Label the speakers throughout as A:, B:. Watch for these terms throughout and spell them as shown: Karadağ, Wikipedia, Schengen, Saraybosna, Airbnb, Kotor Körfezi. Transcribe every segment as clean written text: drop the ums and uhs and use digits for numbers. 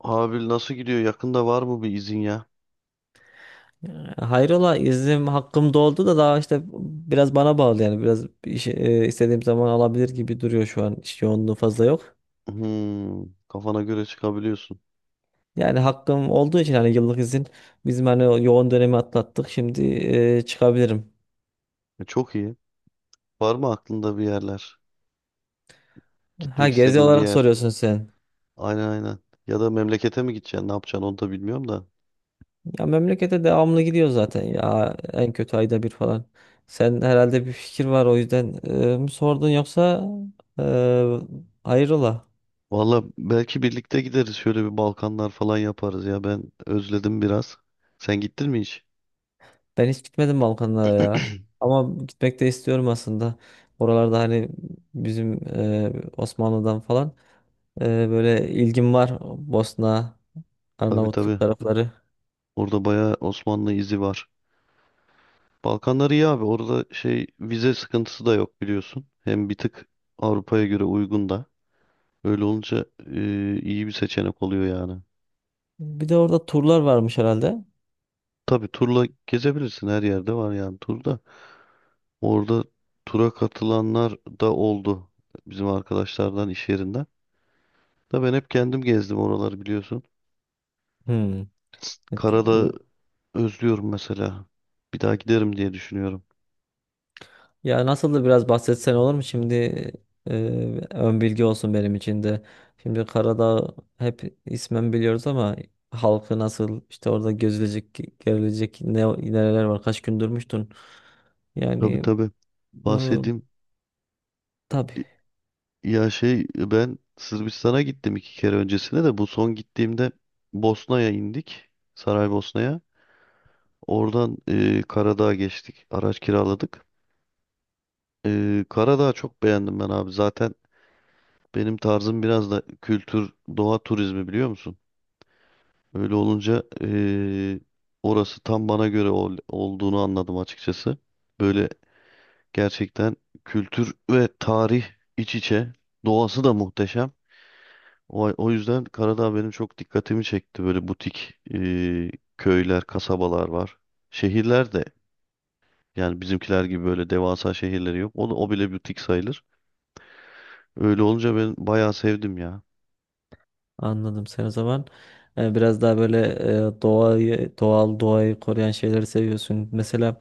A: Abi nasıl gidiyor? Yakında var mı bir izin ya?
B: Hayrola, iznim hakkım doldu da daha işte biraz bana bağlı. Yani biraz bir şey, istediğim zaman alabilir gibi duruyor. Şu an iş yoğunluğu fazla yok.
A: Hmm, kafana göre çıkabiliyorsun.
B: Yani hakkım olduğu için hani yıllık izin bizim hani o yoğun dönemi atlattık şimdi, çıkabilirim.
A: E, çok iyi. Var mı aklında bir yerler?
B: Ha,
A: Gitmek
B: gezi
A: istediğin bir
B: olarak
A: yer?
B: soruyorsun sen.
A: Aynen aynen. Ya da memlekete mi gideceksin? Ne yapacaksın onu da bilmiyorum da.
B: Ya memlekete devamlı gidiyor zaten ya, en kötü ayda bir falan. Sen herhalde bir fikir var, o yüzden mi sordun, yoksa e, hayrola?
A: Valla belki birlikte gideriz. Şöyle bir Balkanlar falan yaparız ya. Ben özledim biraz. Sen gittin mi hiç?
B: Ben hiç gitmedim Balkanlara ya. Ama gitmek de istiyorum aslında. Oralarda hani bizim Osmanlı'dan falan e, böyle ilgim var. Bosna,
A: Tabii
B: Arnavutluk
A: tabii.
B: tarafları.
A: Orada bayağı Osmanlı izi var. Balkanlar iyi abi. Orada şey vize sıkıntısı da yok biliyorsun. Hem bir tık Avrupa'ya göre uygun da. Öyle olunca iyi bir seçenek oluyor yani.
B: Bir de orada turlar varmış herhalde.
A: Tabii turla gezebilirsin her yerde var yani turda. Orada tura katılanlar da oldu bizim arkadaşlardan iş yerinden. Da ben hep kendim gezdim oraları biliyorsun.
B: Hmm. Peki.
A: Karadağ'ı özlüyorum mesela. Bir daha giderim diye düşünüyorum.
B: Ya nasıl, da biraz bahsetsen olur mu? Şimdi, e, ön bilgi olsun benim için de. Şimdi Karadağ hep ismen biliyoruz ama halkı nasıl, işte orada gözülecek, görülecek neler var? Kaç gün durmuştun?
A: Tabii
B: Yani
A: tabii
B: Ee,
A: bahsedeyim.
B: tabii
A: Ya şey ben Sırbistan'a gittim iki kere öncesine de bu son gittiğimde Bosna'ya indik. Saraybosna'ya. Oradan Karadağ'a geçtik. Araç kiraladık. E, Karadağ'ı çok beğendim ben abi. Zaten benim tarzım biraz da kültür, doğa turizmi biliyor musun? Öyle olunca orası tam bana göre olduğunu anladım açıkçası. Böyle gerçekten kültür ve tarih iç içe. Doğası da muhteşem. O yüzden Karadağ benim çok dikkatimi çekti. Böyle butik köyler, kasabalar var. Şehirler de, yani bizimkiler gibi böyle devasa şehirleri yok. O da o bile butik sayılır. Öyle olunca ben bayağı sevdim ya.
B: Anladım sen o zaman. Biraz daha böyle doğayı, doğal doğayı koruyan şeyleri seviyorsun. Mesela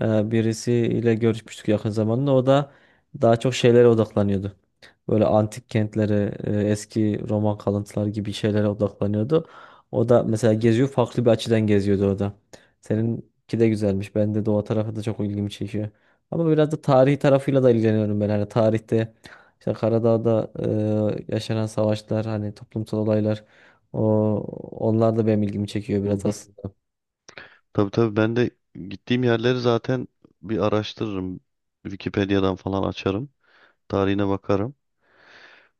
B: birisiyle görüşmüştük yakın zamanda. O da daha çok şeylere odaklanıyordu. Böyle antik kentlere, eski Roman kalıntıları gibi şeylere odaklanıyordu. O da mesela geziyor, farklı bir açıdan geziyordu o da. Seninki de güzelmiş. Ben de doğa tarafı da çok ilgimi çekiyor. Ama biraz da tarihi tarafıyla da ilgileniyorum ben. Hani tarihte işte Karadağ'da yaşanan savaşlar, hani toplumsal olaylar, o onlar da benim ilgimi çekiyor
A: Hı
B: biraz
A: hı.
B: aslında.
A: Tabii tabii ben de gittiğim yerleri zaten bir araştırırım. Wikipedia'dan falan açarım. Tarihine bakarım.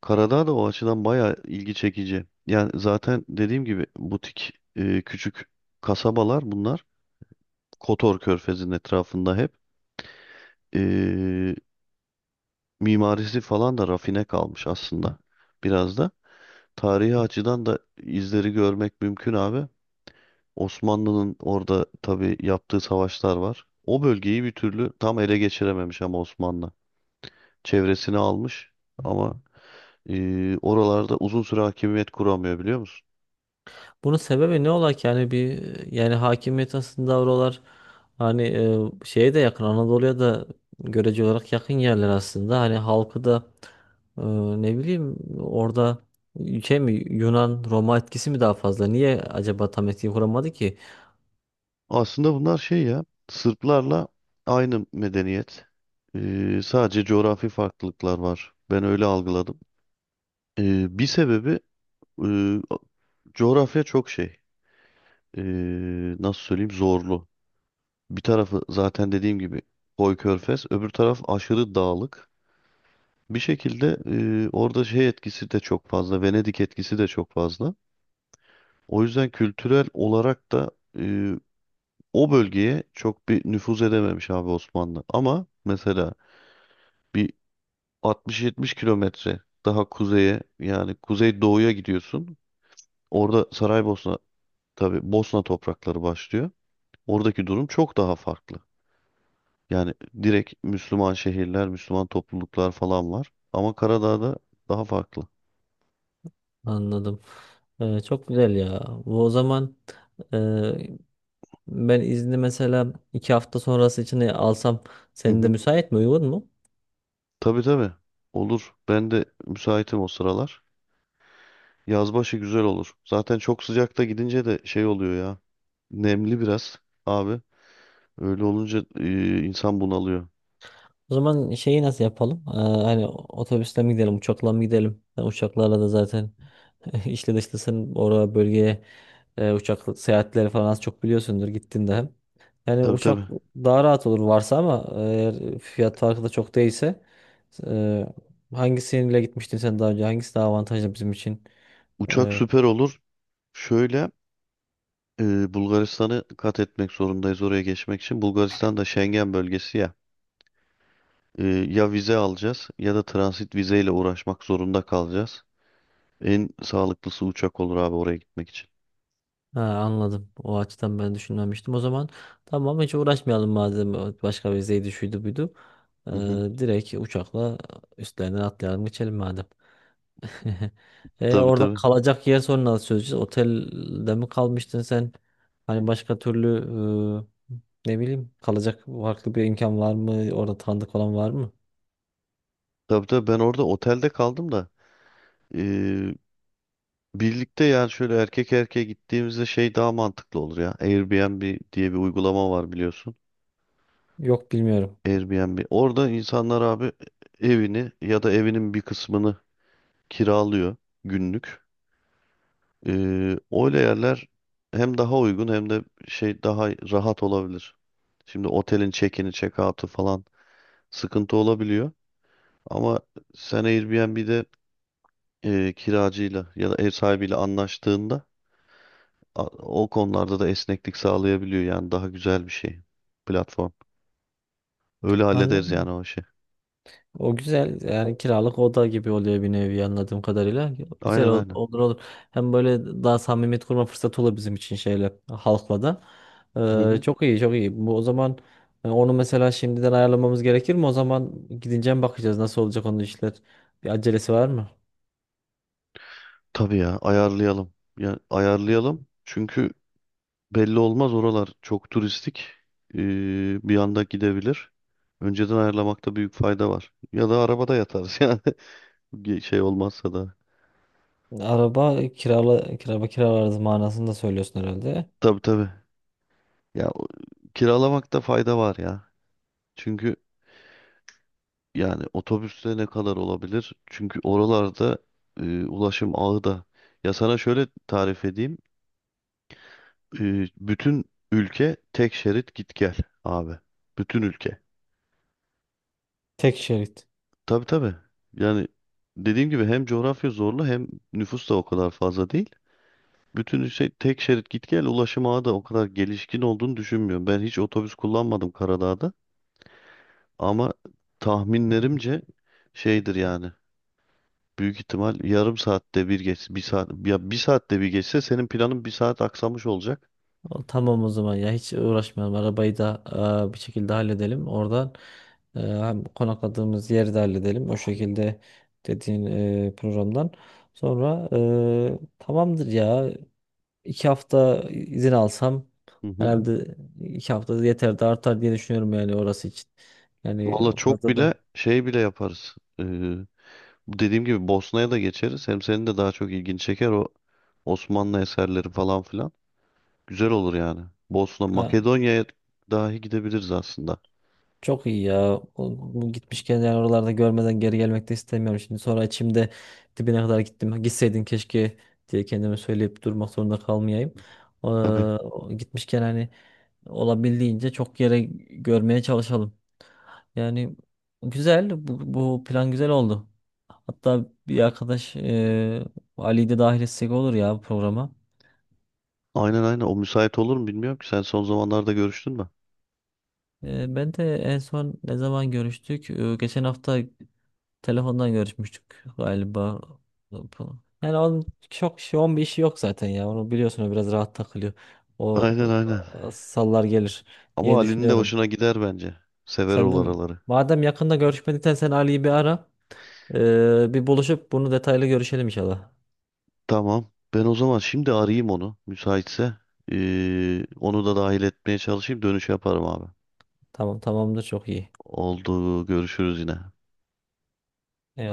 A: Karadağ da o açıdan bayağı ilgi çekici. Yani zaten dediğim gibi butik küçük kasabalar bunlar. Kotor Körfezi'nin etrafında hep. E, mimarisi falan da rafine kalmış aslında biraz da. Tarihi açıdan da izleri görmek mümkün abi. Osmanlı'nın orada tabii yaptığı savaşlar var. O bölgeyi bir türlü tam ele geçirememiş ama Osmanlı. Çevresini almış ama oralarda uzun süre hakimiyet kuramıyor biliyor musun?
B: Bunun sebebi ne ola ki? Yani bir Yani hakimiyet aslında oralar hani, şeye de yakın, Anadolu'ya da görece olarak yakın yerler aslında. Hani halkı da e, ne bileyim, orada şey mi, Yunan Roma etkisi mi daha fazla? Niye acaba tam etki kuramadı ki?
A: Aslında bunlar şey ya Sırplarla aynı medeniyet. E, sadece coğrafi farklılıklar var. Ben öyle algıladım. E, bir sebebi e, coğrafya çok şey. E, nasıl söyleyeyim zorlu. Bir tarafı zaten dediğim gibi koy körfez, öbür taraf aşırı dağlık. Bir şekilde orada şey etkisi de çok fazla, Venedik etkisi de çok fazla. O yüzden kültürel olarak da e, o bölgeye çok bir nüfuz edememiş abi Osmanlı. Ama mesela bir 60-70 kilometre daha kuzeye yani kuzey doğuya gidiyorsun. Orada Saraybosna tabii Bosna toprakları başlıyor. Oradaki durum çok daha farklı. Yani direkt Müslüman şehirler, Müslüman topluluklar falan var. Ama Karadağ'da daha farklı.
B: Anladım. Çok güzel ya. Bu o zaman, e, ben izni mesela iki hafta sonrası için alsam,
A: Hı
B: senin de
A: hı.
B: müsait mi? Uygun mu?
A: Tabii tabii. Olur. Ben de müsaitim o sıralar. Yazbaşı güzel olur. Zaten çok sıcakta gidince de şey oluyor ya. Nemli biraz abi. Öyle olunca insan bunalıyor.
B: O zaman şeyi nasıl yapalım? Hani otobüsle mi gidelim, uçakla mı gidelim? Yani uçaklarla da zaten işle dışlısın. Oraya, bölgeye uçak seyahatleri falan az çok biliyorsundur gittiğinde hem. Yani
A: Tabii
B: uçak
A: tabii.
B: daha rahat olur varsa, ama eğer fiyat farkı da çok değilse, e, hangisiyle gitmiştin sen daha önce? Hangisi daha avantajlı bizim için?
A: Uçak
B: E,
A: süper olur. Şöyle Bulgaristan'ı kat etmek zorundayız oraya geçmek için. Bulgaristan da Schengen bölgesi ya. E, ya vize alacağız ya da transit vizeyle uğraşmak zorunda kalacağız. En sağlıklısı uçak olur abi oraya gitmek için.
B: Ha, anladım. O açıdan ben düşünmemiştim. O zaman tamam, hiç uğraşmayalım madem, başka bir zeydi şuydu buydu. Ee,
A: Hı hı.
B: Direkt uçakla üstlerinden atlayalım, geçelim madem.
A: Tabii
B: Orada
A: tabii.
B: kalacak yer sonra nasıl çözeceğiz? Otelde mi kalmıştın sen? Hani başka türlü, e, ne bileyim, kalacak farklı bir imkan var mı? Orada tanıdık olan var mı?
A: Tabii tabii ben orada otelde kaldım da eee, birlikte yani şöyle erkek erkeğe gittiğimizde şey daha mantıklı olur ya. Airbnb diye bir uygulama var biliyorsun.
B: Yok, bilmiyorum.
A: Airbnb. Orada insanlar abi evini ya da evinin bir kısmını kiralıyor günlük. Öyle yerler hem daha uygun hem de şey daha rahat olabilir. Şimdi otelin check-in'i check-out'u falan sıkıntı olabiliyor. Ama sen Airbnb'de kiracıyla ya da ev sahibiyle anlaştığında o konularda da esneklik sağlayabiliyor. Yani daha güzel bir şey platform. Öyle hallederiz yani
B: Anladım.
A: o işi.
B: O güzel, yani kiralık oda gibi oluyor bir nevi, anladığım kadarıyla.
A: Aynen aynen.
B: Olur, olur. Hem böyle daha samimiyet kurma fırsatı olur bizim için şeyle, halkla da.
A: Hı hı.
B: Çok iyi, çok iyi. Bu o zaman, onu mesela şimdiden ayarlamamız gerekir mi? O zaman gidince mi bakacağız nasıl olacak onun işler? Bir acelesi var mı?
A: Tabii ya ayarlayalım. Ya ayarlayalım. Çünkü belli olmaz oralar çok turistik. Ee, bir anda gidebilir. Önceden ayarlamakta büyük fayda var. Ya da arabada yatarız yani. Bir şey olmazsa da.
B: Araba kirala kiraba Kiralarız manasında söylüyorsun herhalde.
A: Tabii tabii. Ya kiralamakta fayda var ya. Çünkü, yani otobüste ne kadar olabilir? Çünkü oralarda ulaşım ağı da. Ya sana şöyle tarif edeyim. E, bütün ülke tek şerit git gel abi. Bütün ülke.
B: Tek şerit.
A: Tabii tabii. Yani dediğim gibi hem coğrafya zorlu hem nüfus da o kadar fazla değil. Bütün şey tek şerit git gel ulaşım ağı da o kadar gelişkin olduğunu düşünmüyorum. Ben hiç otobüs kullanmadım Karadağ'da ama tahminlerimce şeydir yani. Büyük ihtimal yarım saatte bir geç, bir saat ya bir saatte bir geçse senin planın bir saat aksamış olacak.
B: O, tamam, o zaman ya hiç uğraşmayalım. Arabayı da bir şekilde halledelim. Oradan hem konakladığımız yeri de halledelim. O şekilde dediğin programdan. Sonra tamamdır ya. İki hafta izin alsam
A: Hı hı.
B: herhalde, iki hafta yeter de artar diye düşünüyorum yani orası için. Yani
A: Valla çok
B: fazla da.
A: bile şey bile yaparız. Bu dediğim gibi Bosna'ya da geçeriz. Hem senin de daha çok ilgini çeker o Osmanlı eserleri falan filan. Güzel olur yani. Bosna, Makedonya'ya dahi gidebiliriz aslında.
B: Çok iyi ya. Bu gitmişken yani, oralarda görmeden geri gelmek de istemiyorum. Şimdi sonra içimde, dibine kadar gittim, gitseydin keşke diye kendime söyleyip durmak zorunda kalmayayım.
A: Tabii.
B: Gitmişken hani olabildiğince çok yere görmeye çalışalım. Yani güzel. Bu plan güzel oldu. Hatta bir arkadaş, Ali'yi de dahil etsek olur ya bu programa.
A: Aynen aynen. O müsait olur mu bilmiyorum ki. Sen son zamanlarda görüştün mü?
B: Ben de en son ne zaman görüştük? Geçen hafta telefondan görüşmüştük galiba. Yani onun çok şey, onun bir işi yok zaten ya. Onu biliyorsun, o biraz rahat takılıyor. O
A: Aynen aynen.
B: Sallar gelir
A: Ama
B: diye
A: Ali'nin de
B: düşünüyorum.
A: hoşuna gider bence. Sever
B: Sen
A: o
B: de
A: oraları.
B: madem yakında görüşmediysen, sen Ali'yi bir ara. Bir buluşup bunu detaylı görüşelim inşallah.
A: Tamam. Ben o zaman şimdi arayayım onu. Müsaitse. Onu da dahil etmeye çalışayım. Dönüş yaparım abi.
B: Tamam, tamamdır, çok iyi.
A: Oldu. Görüşürüz yine.
B: Eyvallah.